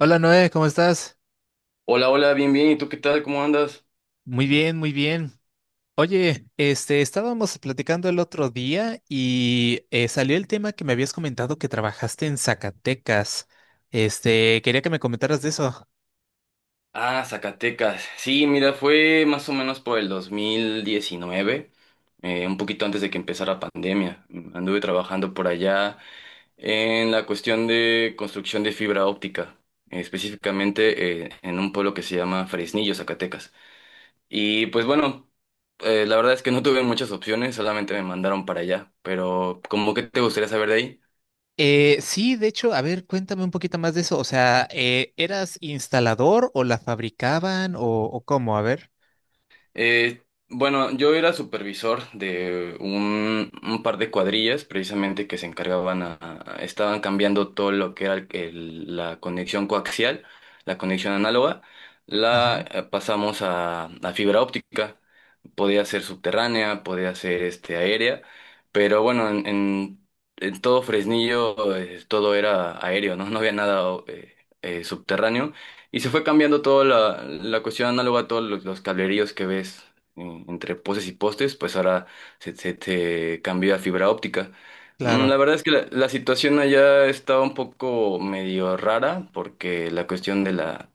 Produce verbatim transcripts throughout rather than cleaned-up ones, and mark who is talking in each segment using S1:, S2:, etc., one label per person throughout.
S1: Hola Noé, ¿cómo estás?
S2: Hola, hola, bien, bien. ¿Y tú qué tal? ¿Cómo andas?
S1: Muy bien, muy bien. Oye, este, estábamos platicando el otro día y eh, salió el tema que me habías comentado que trabajaste en Zacatecas. Este, quería que me comentaras de eso.
S2: Ah, Zacatecas. Sí, mira, fue más o menos por el dos mil diecinueve, eh, un poquito antes de que empezara pandemia. Mm, Anduve trabajando por allá en la cuestión de construcción de fibra óptica, eh, específicamente eh, en un pueblo que se llama Fresnillo, Zacatecas. Y pues bueno, eh, la verdad es que no tuve muchas opciones, solamente me mandaron para allá. Pero, ¿cómo que te gustaría saber de ahí?
S1: Eh, sí, de hecho, a ver, cuéntame un poquito más de eso. O sea, eh, ¿eras instalador o la fabricaban o, o cómo? A ver.
S2: Eh, bueno, yo era supervisor de un, un par de cuadrillas precisamente que se encargaban a, a- estaban cambiando todo lo que era el- el- la conexión coaxial, la conexión análoga, la
S1: Ajá.
S2: eh, pasamos a, a fibra óptica. Podía ser subterránea, podía ser este, aérea, pero bueno, en, en- en todo Fresnillo eh, todo era aéreo, ¿no? No había nada eh, eh, subterráneo. Y se fue cambiando toda la, la cuestión análoga a todos los, los cableríos que ves en- entre postes y postes, pues ahora se, se, se cambió a fibra óptica. Mm,
S1: Claro.
S2: La verdad es que la, la situación allá estaba un poco medio rara porque la cuestión de la,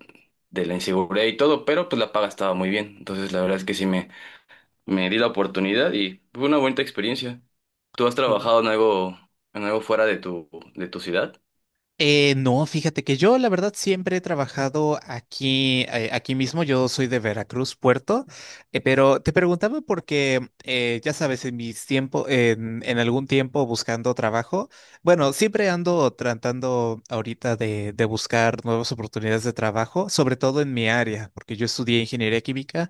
S2: de la inseguridad y todo, pero pues la paga estaba muy bien. Entonces la verdad es que sí me, me di la oportunidad y fue una bonita experiencia. ¿Tú has trabajado en algo, en algo fuera de tu, de tu ciudad?
S1: Eh, no, fíjate que yo la verdad siempre he trabajado aquí, eh, aquí mismo. Yo soy de Veracruz, Puerto, eh, pero te preguntaba porque eh, ya sabes, en mis tiempos, en, en algún tiempo buscando trabajo, bueno, siempre ando tratando ahorita de, de buscar nuevas oportunidades de trabajo, sobre todo en mi área, porque yo estudié ingeniería química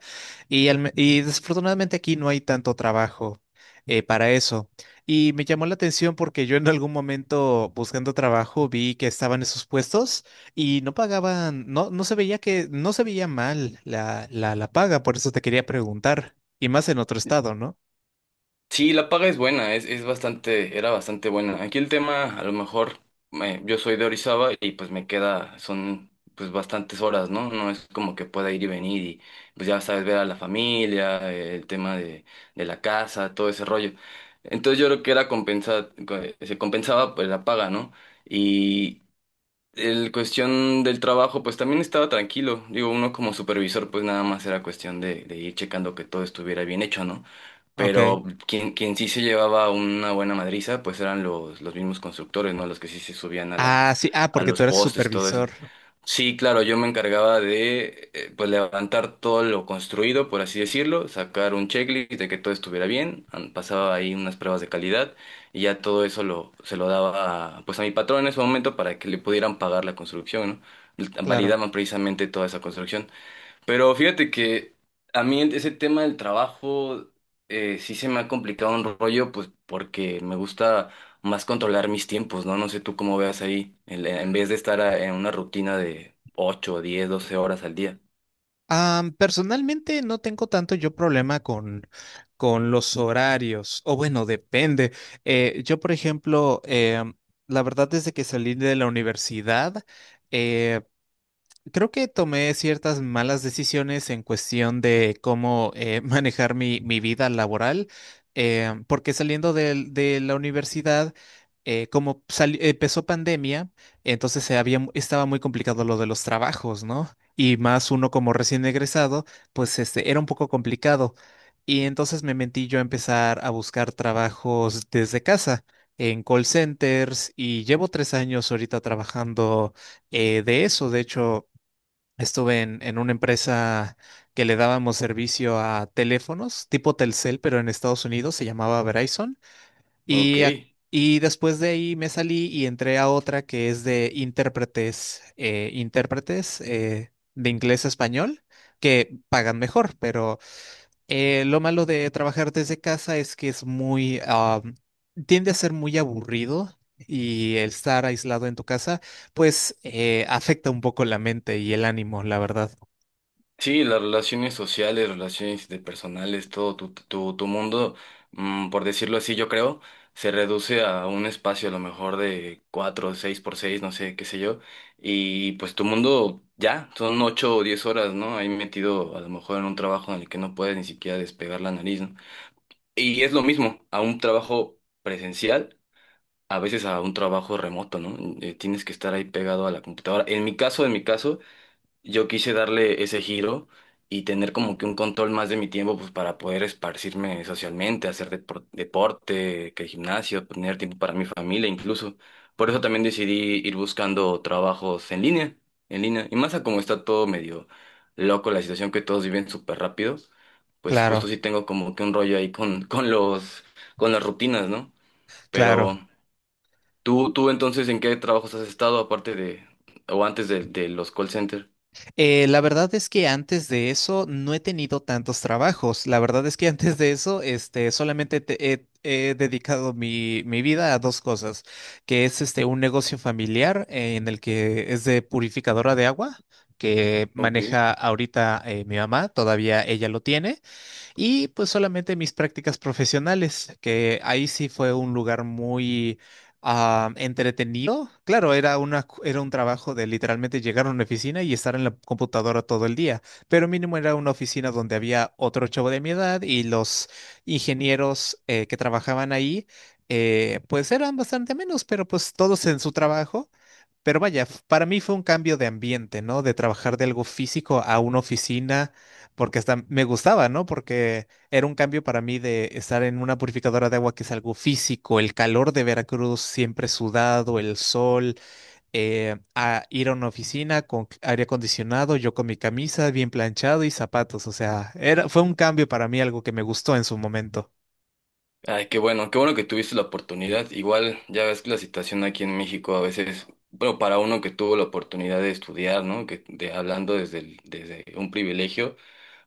S1: y, al y desafortunadamente aquí no hay tanto trabajo eh, para eso. Y me llamó la atención porque yo en algún momento buscando trabajo vi que estaban esos puestos y no pagaban, no, no se veía que, no se veía mal la, la, la paga, por eso te quería preguntar. Y más en otro estado, ¿no?
S2: Sí, la paga es buena, es, es bastante, era bastante buena. Aquí el tema, a lo mejor, eh, yo soy de Orizaba y pues me queda, son pues bastantes horas, ¿no? No es como que pueda ir y venir y pues ya sabes, ver a la familia, eh, el tema de, de la casa, todo ese rollo. Entonces yo creo que era compensar, se compensaba pues la paga, ¿no? Y el cuestión del trabajo, pues también estaba tranquilo. Digo, uno como supervisor, pues nada más era cuestión de, de ir checando que todo estuviera bien hecho, ¿no?
S1: Ok.
S2: Pero quien, quien sí se llevaba una buena madriza, pues eran los, los mismos constructores, ¿no? Los que sí se subían a la,
S1: Ah, sí, ah,
S2: a
S1: porque
S2: los
S1: tú eres
S2: postes y todo eso.
S1: supervisor.
S2: Sí, claro, yo me encargaba de eh, pues levantar todo lo construido, por así decirlo, sacar un checklist de que todo estuviera bien, an- pasaba ahí unas pruebas de calidad y ya todo eso lo, se lo daba a, pues a mi patrón en ese momento para que le pudieran pagar la construcción, ¿no?
S1: Claro.
S2: Validaban precisamente toda esa construcción. Pero fíjate que a mí ese tema del trabajo eh, sí se me ha complicado un rollo, pues porque me gusta más controlar mis tiempos, ¿no? No sé tú cómo veas ahí, el- en vez de estar a- en una rutina de ocho diez doce horas al día.
S1: Ah, personalmente no tengo tanto yo problema con, con los horarios. O bueno, depende. Eh, yo, por ejemplo, em, la verdad, desde que salí de la universidad, eh, creo que tomé ciertas malas decisiones en cuestión de cómo eh, manejar mi, mi vida laboral, eh, porque saliendo del- de, la universidad, eh, como sali- empezó pandemia, entonces se había, mu- estaba muy complicado lo de los trabajos, ¿no? Y más uno como recién egresado, pues este, era un poco complicado. Y entonces me mentí yo a empezar a buscar trabajos desde casa, en call centers, y llevo tres años ahorita trabajando eh, de eso. De hecho, estuve en, en una empresa que le dábamos servicio a teléfonos tipo Telcel, pero en Estados Unidos se llamaba Verizon.
S2: Ok.
S1: Y, ac- y después de ahí me salí y entré a otra que es de intérpretes, eh, intérpretes eh, de inglés a español, que pagan mejor, pero eh, lo malo de trabajar desde casa es que es muy, ah, tiende a ser muy aburrido. Y el estar aislado en tu casa, pues eh, afecta un poco la mente y el ánimo, la verdad.
S2: Sí, las relaciones sociales, relaciones interpersonales, todo tu, tu, tu mundo, mm, por decirlo así, yo creo, se reduce a un espacio a lo mejor de cuatro, seis por seis, no sé, qué sé yo, y pues tu mundo ya, son ocho o diez horas, ¿no? Ahí metido a lo mejor en un trabajo en el que no puedes ni siquiera despegar la nariz, ¿no? Y es lo mismo, a un trabajo presencial, a veces a un trabajo remoto, ¿no? Eh, tienes que estar ahí pegado a la computadora. En mi caso, en mi caso yo quise darle ese giro y tener como que un control más de mi tiempo pues para poder esparcirme socialmente, hacer depor- deporte, que gimnasio, tener tiempo para mi familia incluso. Por eso también decidí ir buscando trabajos en línea, en línea. Y más a como está todo medio loco, la situación que todos viven súper rápido, pues justo
S1: Claro,
S2: sí tengo como que un rollo ahí con, con los, con las rutinas, ¿no? Pero
S1: claro.
S2: tú, tú entonces, ¿en qué trabajos has estado aparte de, o antes de, de los call centers?
S1: Eh, la verdad es que antes de eso no he tenido tantos trabajos. La verdad es que antes de eso, este, solamente te- he, he dedicado mi, mi vida a dos cosas, que es este un negocio familiar eh, en el que es de purificadora de agua, que
S2: Ok.
S1: maneja ahorita eh, mi mamá, todavía ella lo tiene. Y pues solamente mis prácticas profesionales, que ahí sí fue un lugar muy ah, entretenido. Claro, era una, cu- era un trabajo de literalmente llegar a una oficina y estar en la computadora todo el día, pero mínimo era una oficina donde había otro chavo de mi edad y los ingenieros eh, que trabajaban ahí, eh, pues eran bastante menos, pero pues todos en su trabajo. Pero vaya, f- para mí fue un cambio de ambiente, ¿no? De trabajar de algo físico a una oficina, porque hasta me gustaba, ¿no? Porque era un cambio para mí de estar en una purificadora de agua que es algo físico, el calor de Veracruz siempre sudado, el sol, eh, a ir a una oficina con c- aire acondicionado, yo con mi camisa bien planchado y zapatos, o sea, era, fue un cambio para mí, algo que me gustó en su momento.
S2: Ay, qué bueno, qué bueno que tuviste la oportunidad. Igual ya ves que la situación aquí en México a veces, bueno, para uno que tuvo la oportunidad de estudiar, ¿no? Que de, hablando desde el- desde un privilegio,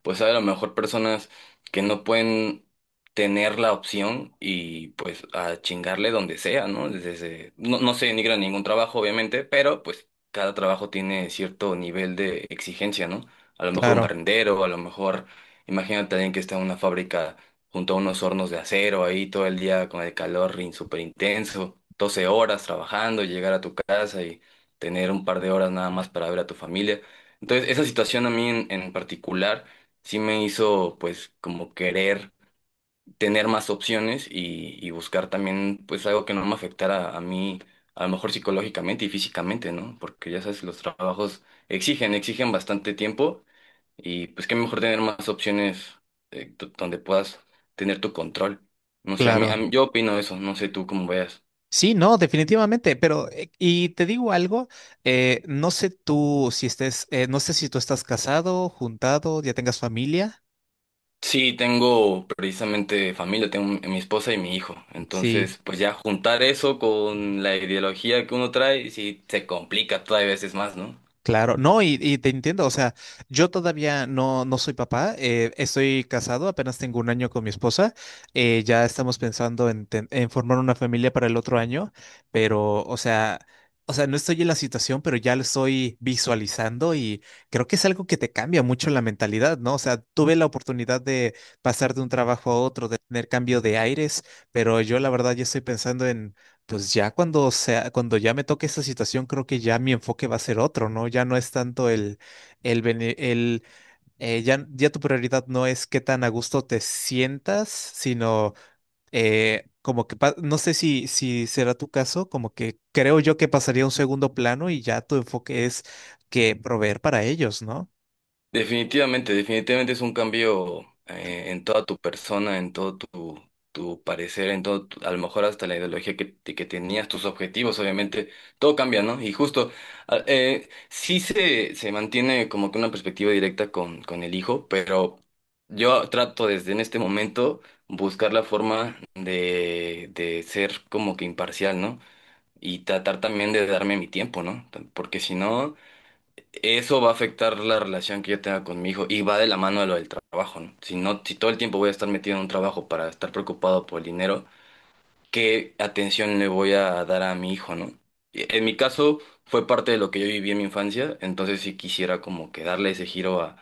S2: pues hay a lo mejor personas que no pueden tener la opción y pues a chingarle donde sea, ¿no? Desde, no, no se denigra ningún trabajo, obviamente, pero pues cada trabajo tiene cierto nivel de exigencia, ¿no? A lo mejor un
S1: Claro,
S2: barrendero, a lo mejor, imagínate alguien que está en una fábrica junto a unos hornos de acero ahí todo el día con el calor súper intenso, doce horas trabajando, llegar a tu casa y tener un par de horas nada más para ver a tu familia. Entonces, esa situación a mí en, en particular sí me hizo pues como querer tener más opciones y, y buscar también pues algo que no me afectara a mí, a lo mejor psicológicamente y físicamente, ¿no? Porque ya sabes, los trabajos exigen, exigen bastante tiempo y pues qué mejor tener más opciones eh, do- donde puedas tener tu control. No sé, a mí, a
S1: claro.
S2: mí- yo opino eso, no sé tú cómo veas.
S1: Sí, no, definitivamente, pero eh, y te digo algo, eh, no sé tú si estés, eh, no sé si tú estás casado, juntado, ya tengas familia,
S2: Sí, tengo precisamente familia, tengo mi mi esposa y mi hijo.
S1: sí.
S2: Entonces, pues ya juntar eso con la ideología que uno trae, sí se complica todavía veces más, ¿no?
S1: Claro, no, y, y te entiendo, o sea, yo todavía no, no soy papá, eh, estoy casado, apenas tengo un año con mi esposa, eh, ya estamos pensando en, ten- en formar una familia para el otro año, pero, o sea, o sea, no estoy en la situación, pero ya lo estoy visualizando y creo que es algo que te cambia mucho la mentalidad, ¿no? O sea, tuve la oportunidad de pasar de un trabajo a otro, de tener cambio de aires, pero yo la verdad ya estoy pensando en pues ya cuando sea, cuando ya me toque esa situación, creo que ya mi enfoque va a ser otro, ¿no? Ya no es tanto el, el, bene- el eh, ya, ya tu prioridad no es qué tan a gusto te sientas, sino eh, como que, pa- no sé si, si será tu caso, como que creo yo que pasaría a un segundo plano y ya tu enfoque es que proveer para ellos, ¿no?
S2: Definitivamente, definitivamente es un cambio eh, en toda tu persona, en todo tu, tu parecer, en todo, tu- a lo mejor hasta la ideología que, te- que tenías, tus objetivos, obviamente, todo cambia, ¿no? Y justo, a- eh, sí se, se mantiene como que una perspectiva directa con, con el hijo, pero yo trato desde en este momento buscar la forma de, de ser como que imparcial, ¿no? Y tratar también de darme mi tiempo, ¿no? Porque si no. Eso va a afectar la relación que yo tenga con mi hijo y va de la mano de lo del trabajo, ¿no? Si no, si todo el tiempo voy a estar metido en un trabajo para estar preocupado por el dinero, ¿qué atención le voy a dar a mi hijo?, ¿no? Y en mi caso fue parte de lo que yo viví en mi infancia, entonces sí quisiera como que darle ese giro a,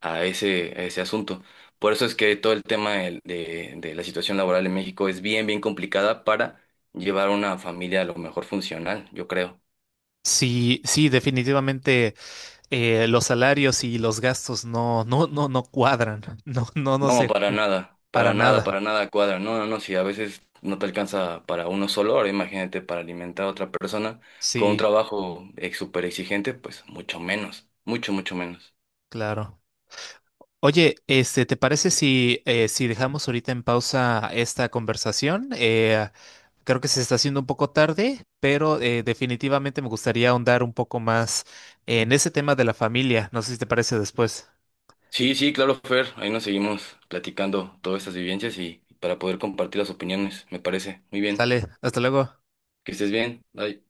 S2: a ese, a ese asunto. Por eso es que todo el tema del- de, de la situación laboral en México es bien, bien complicada para llevar una familia a lo mejor funcional, yo creo.
S1: Sí, sí, definitivamente eh, los salarios y los gastos no, no, no, no cuadran, no, no, no
S2: No,
S1: sé,
S2: para nada,
S1: para
S2: para nada,
S1: nada.
S2: para nada cuadra. No, no, no, si a veces no te alcanza para uno solo, ahora imagínate para alimentar a otra persona con un
S1: Sí.
S2: trabajo ex, súper exigente, pues mucho menos, mucho, mucho menos.
S1: Claro. Oye, este, ¿te parece si, eh, si dejamos ahorita en pausa esta conversación? Eh, creo que se está haciendo un poco tarde, pero eh, definitivamente me gustaría ahondar un poco más en ese tema de la familia. No sé si te parece después.
S2: Sí, sí, claro, Fer, ahí nos seguimos platicando todas estas vivencias y para poder compartir las opiniones, me parece. Muy bien,
S1: Sale, hasta luego.
S2: que estés bien, bye.